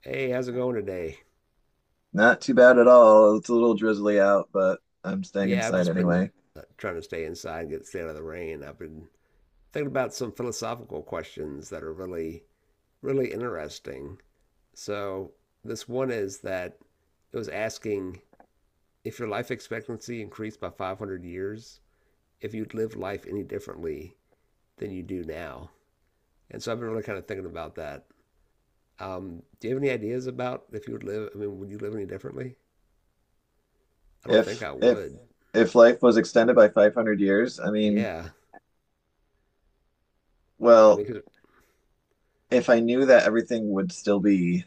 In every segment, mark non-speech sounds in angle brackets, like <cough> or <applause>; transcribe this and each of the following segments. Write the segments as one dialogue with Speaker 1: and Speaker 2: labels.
Speaker 1: Hey, how's it going today?
Speaker 2: Not too bad at all. It's a little drizzly out, but I'm staying
Speaker 1: Yeah, I've
Speaker 2: inside
Speaker 1: just been
Speaker 2: anyway.
Speaker 1: trying to stay inside and get stay out of the rain. I've been thinking about some philosophical questions that are really, really interesting. So, this one is that it was asking if your life expectancy increased by 500 years, if you'd live life any differently than you do now. And so, I've been really kind of thinking about that. Do you have any ideas about if you would live? I mean, would you live any differently? I don't think
Speaker 2: If
Speaker 1: I
Speaker 2: if
Speaker 1: would.
Speaker 2: if life was extended by 500 years, I mean,
Speaker 1: Yeah. I
Speaker 2: well,
Speaker 1: mean,
Speaker 2: if I knew that everything would still be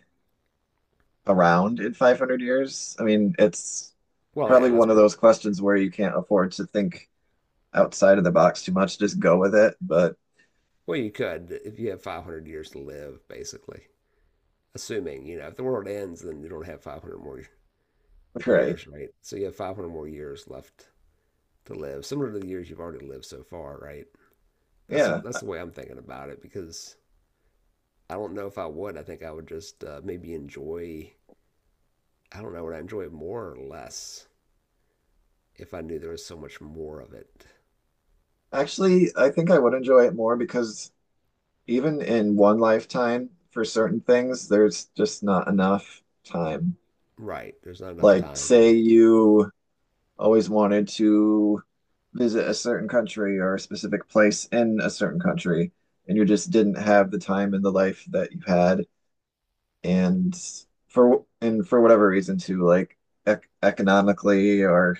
Speaker 2: around in 500 years, I mean, it's
Speaker 1: well, yeah,
Speaker 2: probably
Speaker 1: let's
Speaker 2: one of
Speaker 1: pretend.
Speaker 2: those questions where you can't afford to think outside of the box too much. Just go with it. But
Speaker 1: Well, you could if you have 500 years to live, basically. Assuming, if the world ends, then you don't have 500 more
Speaker 2: <laughs> right.
Speaker 1: years, right? So you have 500 more years left to live, similar to the years you've already lived so far, right? That's
Speaker 2: Yeah.
Speaker 1: that's the way I'm thinking about it because I don't know if I would. I think I would just maybe enjoy. I don't know. Would I enjoy more or less if I knew there was so much more of it?
Speaker 2: Actually, I think I would enjoy it more because even in one lifetime, for certain things, there's just not enough time.
Speaker 1: Right. There's not enough
Speaker 2: Like,
Speaker 1: time
Speaker 2: say
Speaker 1: really.
Speaker 2: you always wanted to visit a certain country or a specific place in a certain country, and you just didn't have the time in the life that you had, and for whatever reason too, like ec economically, or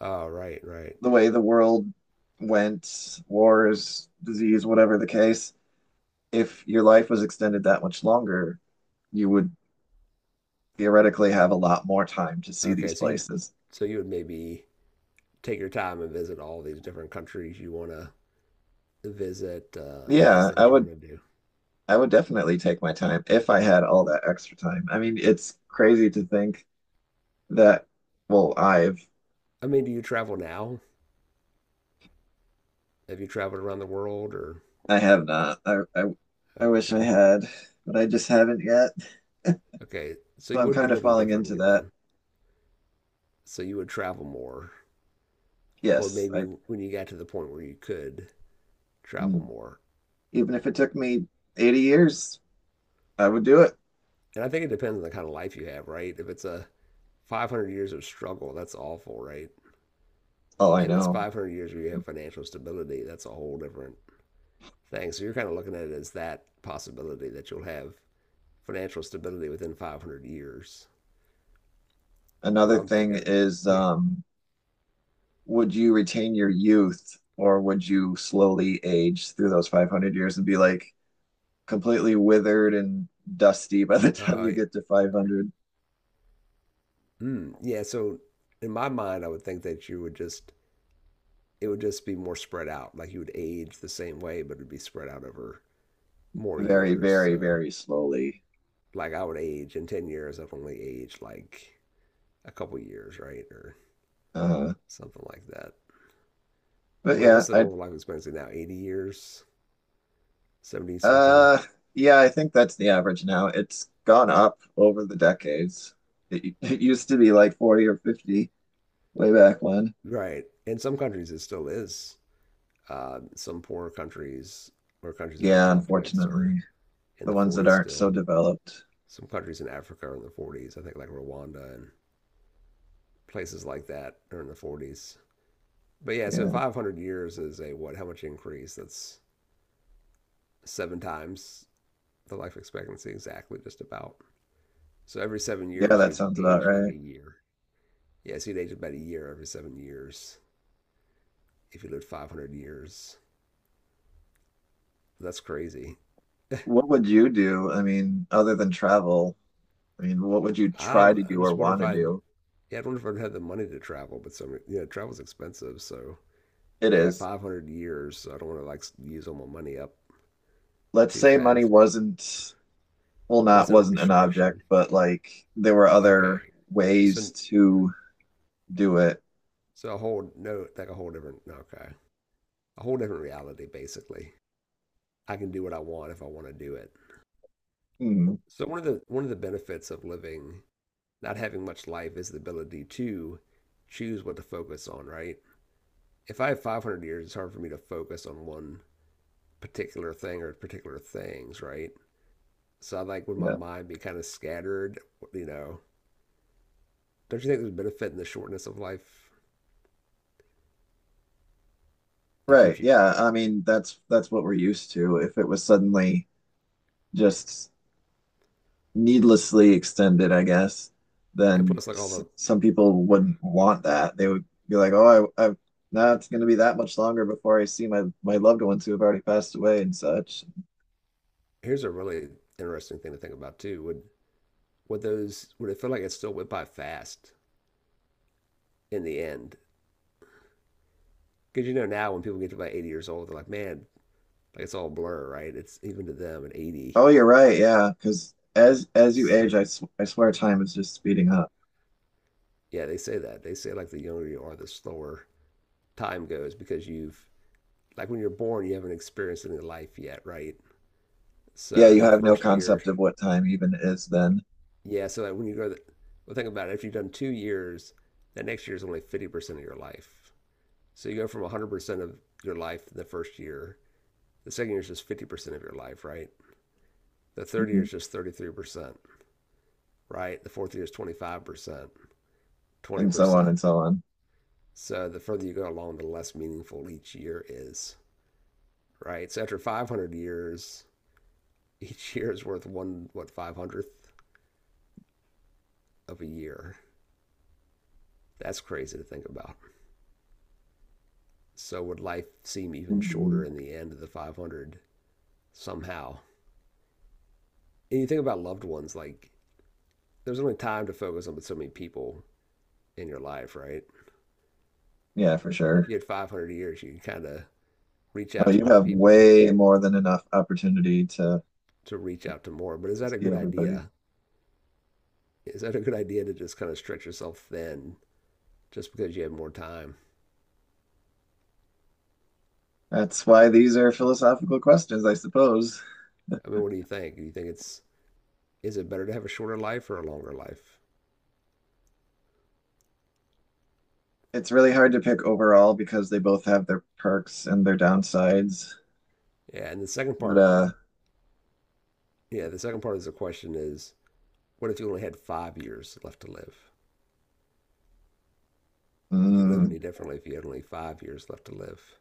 Speaker 1: Oh, right, right.
Speaker 2: the way the world went, wars, disease, whatever the case, if your life was extended that much longer, you would theoretically have a lot more time to see these
Speaker 1: Okay. So you,
Speaker 2: places.
Speaker 1: so you would maybe take your time and visit all these different countries you want to visit, and all these
Speaker 2: Yeah, I
Speaker 1: things you
Speaker 2: would
Speaker 1: want to do.
Speaker 2: I would definitely take my time if I had all that extra time. I mean, it's crazy to think that, well, I've
Speaker 1: I mean, do you travel now? Have you traveled around the world or?
Speaker 2: I have not. I wish I
Speaker 1: Okay.
Speaker 2: had, but I just haven't yet. <laughs>
Speaker 1: Okay. So
Speaker 2: So
Speaker 1: you
Speaker 2: I'm
Speaker 1: would be
Speaker 2: kind of
Speaker 1: living
Speaker 2: falling into
Speaker 1: differently
Speaker 2: that.
Speaker 1: then. So you would travel more, or
Speaker 2: Yes,
Speaker 1: maybe
Speaker 2: I
Speaker 1: when you got to the point where you could travel
Speaker 2: mm.
Speaker 1: more.
Speaker 2: even if it took me 80 years, I would do it.
Speaker 1: And I think it depends on the kind of life you have, right? If it's a 500 years of struggle, that's awful, right?
Speaker 2: Oh, I
Speaker 1: If it's
Speaker 2: know.
Speaker 1: 500 years where you have financial stability, that's a whole different thing. So you're kind of looking at it as that possibility that you'll have financial stability within 500 years. Where
Speaker 2: Another
Speaker 1: I'm
Speaker 2: thing
Speaker 1: thinking,
Speaker 2: is,
Speaker 1: yeah,
Speaker 2: would you retain your youth or would you slowly age through those 500 years and be like, completely withered and dusty by the <laughs> time
Speaker 1: uh,
Speaker 2: you get to 500?
Speaker 1: yeah. So in my mind, I would think that you would just it would just be more spread out. Like you would age the same way, but it'd be spread out over more
Speaker 2: Very,
Speaker 1: years.
Speaker 2: very,
Speaker 1: So
Speaker 2: very slowly.
Speaker 1: like I would age in 10 years, I've only aged like a couple years, right, or
Speaker 2: uh
Speaker 1: something like that.
Speaker 2: but
Speaker 1: I mean,
Speaker 2: yeah,
Speaker 1: what's the normal life expectancy now? 80 years, 70 something,
Speaker 2: uh yeah I think that's the average now. It's gone up over the decades. It used to be like 40 or 50-way back when.
Speaker 1: right? In some countries, it still is. Some poorer countries or countries that have
Speaker 2: Yeah,
Speaker 1: conflicts are
Speaker 2: unfortunately,
Speaker 1: in
Speaker 2: the
Speaker 1: the
Speaker 2: ones that
Speaker 1: 40s
Speaker 2: aren't so
Speaker 1: still.
Speaker 2: developed.
Speaker 1: Some countries in Africa are in the 40s. I think like Rwanda and places like that are in the 40s. But yeah, so
Speaker 2: Yeah.
Speaker 1: 500 years is a what? How much increase? That's seven times the life expectancy, exactly, just about. So every seven
Speaker 2: Yeah,
Speaker 1: years,
Speaker 2: that
Speaker 1: you'd
Speaker 2: sounds about
Speaker 1: age like a
Speaker 2: right.
Speaker 1: year. Yeah, so you'd age about a year every 7 years if you lived 500 years. That's crazy.
Speaker 2: What would you do? I mean, other than travel? I mean, what would you try
Speaker 1: I'm,
Speaker 2: to
Speaker 1: I
Speaker 2: do
Speaker 1: just
Speaker 2: or
Speaker 1: wonder
Speaker 2: want
Speaker 1: if
Speaker 2: to
Speaker 1: I'd
Speaker 2: do?
Speaker 1: yeah, I don't know if I'd have the money to travel, but some, travel's expensive. So
Speaker 2: It
Speaker 1: I got
Speaker 2: is.
Speaker 1: 500 years. So I don't want to like use all my money up
Speaker 2: Let's
Speaker 1: too
Speaker 2: say money
Speaker 1: fast.
Speaker 2: wasn't, well, not
Speaker 1: Wasn't a
Speaker 2: wasn't an object,
Speaker 1: restriction.
Speaker 2: but like there were other
Speaker 1: Okay.
Speaker 2: ways
Speaker 1: So,
Speaker 2: to do it.
Speaker 1: so, a whole, no, like a whole different, no, okay. A whole different reality, basically. I can do what I want if I want to do it.
Speaker 2: Hmm.
Speaker 1: So one of the benefits of living, not having much life is the ability to choose what to focus on, right? If I have 500 years, it's hard for me to focus on one particular thing or particular things, right? So I like would my
Speaker 2: Yeah.
Speaker 1: mind be kind of scattered, you know. Don't you think there's benefit in the shortness of life? It
Speaker 2: Right.
Speaker 1: keeps you
Speaker 2: Yeah. I
Speaker 1: focused.
Speaker 2: mean, that's what we're used to. If it was suddenly just needlessly extended, I guess,
Speaker 1: And
Speaker 2: then
Speaker 1: plus like all
Speaker 2: s-
Speaker 1: the
Speaker 2: some people wouldn't want that. They would be like, "Oh, I now it's going to be that much longer before I see my loved ones who have already passed away and such."
Speaker 1: here's a really interesting thing to think about too. Would it feel like it still went by fast in the end? Because you know now when people get to about 80 years old, they're like, man, like it's all blur, right? It's even to them at 80.
Speaker 2: Oh, you're right. Yeah, because as you
Speaker 1: So
Speaker 2: age, I swear time is just speeding up.
Speaker 1: yeah, they say that. They say like the younger you are, the slower time goes because you've like when you're born, you haven't experienced any life yet, right?
Speaker 2: Yeah,
Speaker 1: So
Speaker 2: you
Speaker 1: that
Speaker 2: have no
Speaker 1: first year.
Speaker 2: concept of what time even is then.
Speaker 1: Yeah, so like when you go to the, well, think about it. After you've done 2 years, that next year is only 50% of your life. So you go from 100% of your life in the first year. The second year is just 50% of your life, right? The third year
Speaker 2: Mhm.
Speaker 1: is just 33%, right? The fourth year is 25%,
Speaker 2: And so on
Speaker 1: 20%.
Speaker 2: and so on.
Speaker 1: So the further you go along, the less meaningful each year is, right? So after 500 years, <laughs> each year is worth one, what, 500th of a year. That's crazy to think about. So would life seem even shorter
Speaker 2: Mhm.
Speaker 1: in the end of the 500 somehow? And you think about loved ones, like there's only time to focus on but so many people in your life, right?
Speaker 2: Yeah, for
Speaker 1: If
Speaker 2: sure.
Speaker 1: you had 500 years, you can kind of reach
Speaker 2: Oh,
Speaker 1: out to
Speaker 2: you
Speaker 1: more
Speaker 2: have
Speaker 1: people
Speaker 2: way more than enough opportunity to
Speaker 1: to reach out to more. But is that a
Speaker 2: see
Speaker 1: good
Speaker 2: everybody.
Speaker 1: idea? Is that a good idea to just kind of stretch yourself thin just because you have more time?
Speaker 2: That's why these are philosophical questions, I suppose.
Speaker 1: I mean, what do you think? Do you think it's is it better to have a shorter life or a longer life?
Speaker 2: It's really hard to pick overall because they both have their perks and their downsides.
Speaker 1: Yeah, and the second
Speaker 2: But
Speaker 1: part, yeah, the second part of the question is, what if you only had 5 years left to live? Would you live
Speaker 2: mm,
Speaker 1: any differently if you had only 5 years left to live?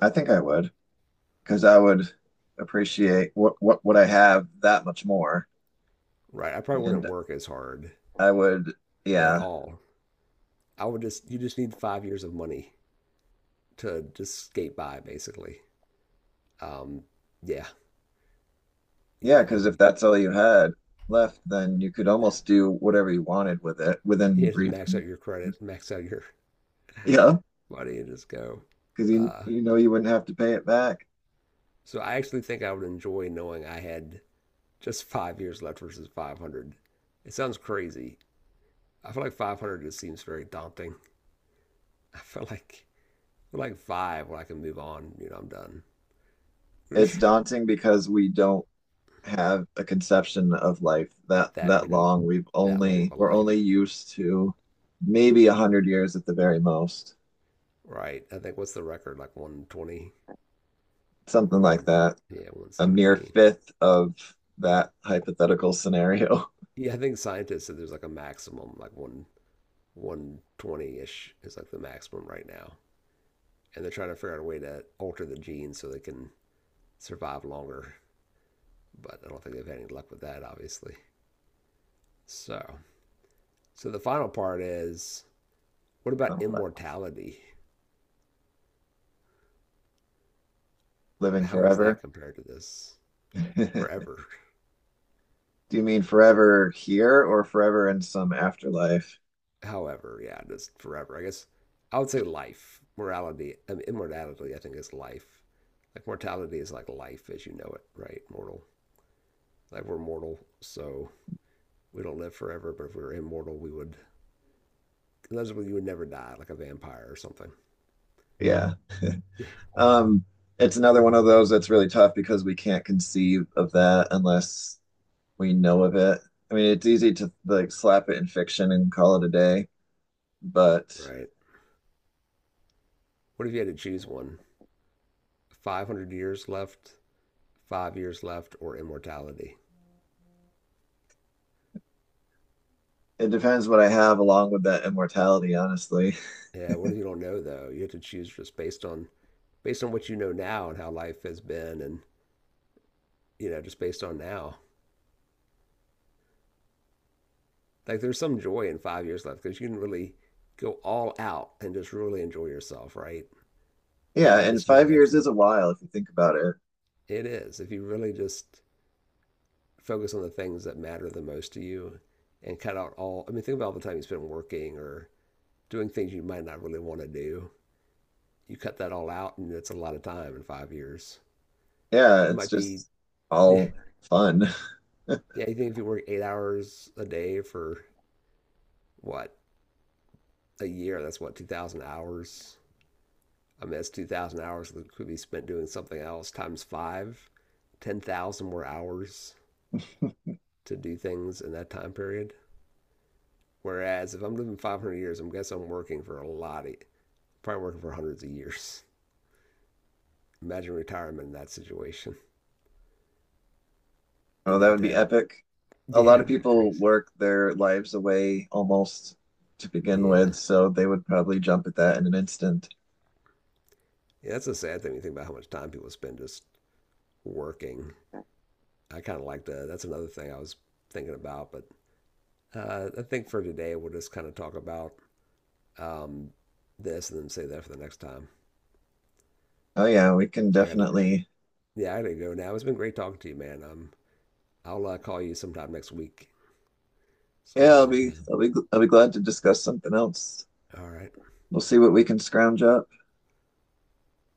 Speaker 2: I think I would because I would appreciate what I have that much more,
Speaker 1: Right. I probably wouldn't
Speaker 2: and
Speaker 1: work as hard
Speaker 2: I would,
Speaker 1: at
Speaker 2: yeah.
Speaker 1: all. You just need 5 years of money to just skate by, basically. Um, yeah. You
Speaker 2: Yeah,
Speaker 1: know,
Speaker 2: because if
Speaker 1: you,
Speaker 2: that's all you had left, then you could almost do whatever you wanted with it within
Speaker 1: you just max
Speaker 2: reason.
Speaker 1: out your credit, max out your
Speaker 2: Yeah,
Speaker 1: money, and just go.
Speaker 2: because you
Speaker 1: Uh,
Speaker 2: you know you wouldn't have to pay it back.
Speaker 1: so I actually think I would enjoy knowing I had just 5 years left versus 500. It sounds crazy. I feel like 500 just seems very daunting. <laughs> I feel like I feel like five when I can move on. I'm done.
Speaker 2: It's
Speaker 1: <laughs>
Speaker 2: daunting because we don't have a conception of life that
Speaker 1: that many
Speaker 2: long.
Speaker 1: that long of a
Speaker 2: We're
Speaker 1: life,
Speaker 2: only used to maybe 100 years at the very most,
Speaker 1: right? I think what's the record, like 120,
Speaker 2: something
Speaker 1: or
Speaker 2: like
Speaker 1: one
Speaker 2: that.
Speaker 1: yeah,
Speaker 2: A mere
Speaker 1: 117.
Speaker 2: fifth of that hypothetical scenario.
Speaker 1: Yeah, I think scientists said there's like a maximum, like one 120 ish is like the maximum right
Speaker 2: <laughs>
Speaker 1: now, and they're trying to figure out a way to alter the genes so they can survive longer. But I don't think they've had any luck with that, obviously. So, so, the final part is what about
Speaker 2: Complex,
Speaker 1: immortality?
Speaker 2: living
Speaker 1: How is that
Speaker 2: forever.
Speaker 1: compared to this
Speaker 2: <laughs>
Speaker 1: forever?
Speaker 2: Do you mean forever here or forever in some afterlife?
Speaker 1: However, yeah, just forever. I guess I would say life, morality, I mean, immortality. I think is life. Like mortality is like life as you know it, right? Mortal. Like we're mortal, so we don't live forever. But if we were immortal, we would. Unless you would never die, like a vampire or something.
Speaker 2: Yeah.
Speaker 1: <laughs>
Speaker 2: Um, it's another one of those that's really tough because we can't conceive of that unless we know of it. I mean, it's easy to like slap it in fiction and call it a day, but
Speaker 1: Right. What if you had to choose one? 500 years left, 5 years left, or immortality?
Speaker 2: it depends what I have along with that immortality, honestly.
Speaker 1: Yeah. What if you don't know though? You have to choose just based on what you know now and how life has been, and just based on now. Like there's some joy in 5 years left because you can really go all out and just really enjoy yourself, right? And
Speaker 2: Yeah,
Speaker 1: you
Speaker 2: and
Speaker 1: just know
Speaker 2: 5 years
Speaker 1: that's
Speaker 2: is
Speaker 1: it.
Speaker 2: a while if you think about it.
Speaker 1: It is. If you really just focus on the things that matter the most to you and cut out all, I mean, think about all the time you spend working or doing things you might not really want to do. You cut that all out, and it's a lot of time in 5 years.
Speaker 2: Yeah,
Speaker 1: It
Speaker 2: it's
Speaker 1: might be,
Speaker 2: just
Speaker 1: <laughs> yeah,
Speaker 2: all fun. <laughs>
Speaker 1: yeah, you think if you work 8 hours a day for what, a year, that's what, 2,000 hours? I mean, that's 2,000 hours that could be spent doing something else times five, 10,000 more hours to do things in that time period. Whereas if I'm living 500 years, I'm guessing I'm working for a lot of, probably working for hundreds of years. Imagine retirement in that situation.
Speaker 2: Oh,
Speaker 1: You'd
Speaker 2: that
Speaker 1: have
Speaker 2: would
Speaker 1: to
Speaker 2: be
Speaker 1: have,
Speaker 2: epic.
Speaker 1: <laughs>
Speaker 2: A
Speaker 1: yeah,
Speaker 2: lot of
Speaker 1: it'd be
Speaker 2: people
Speaker 1: crazy.
Speaker 2: work their lives away almost to begin
Speaker 1: Yeah.
Speaker 2: with, so they would probably jump at that in an instant.
Speaker 1: Yeah, that's a sad thing when you think about how much time people spend just working. I kind of like that. That's another thing I was thinking about, but I think for today, we'll just kind of talk about um, this and then save that for the next time.
Speaker 2: Oh yeah, we can
Speaker 1: 'Cause I gotta,
Speaker 2: definitely.
Speaker 1: yeah, I gotta go now. It's been great talking to you, man. I'll call you sometime next week.
Speaker 2: Yeah,
Speaker 1: Schedule another time.
Speaker 2: I'll be glad to discuss something else.
Speaker 1: All right.
Speaker 2: We'll see what we can scrounge up.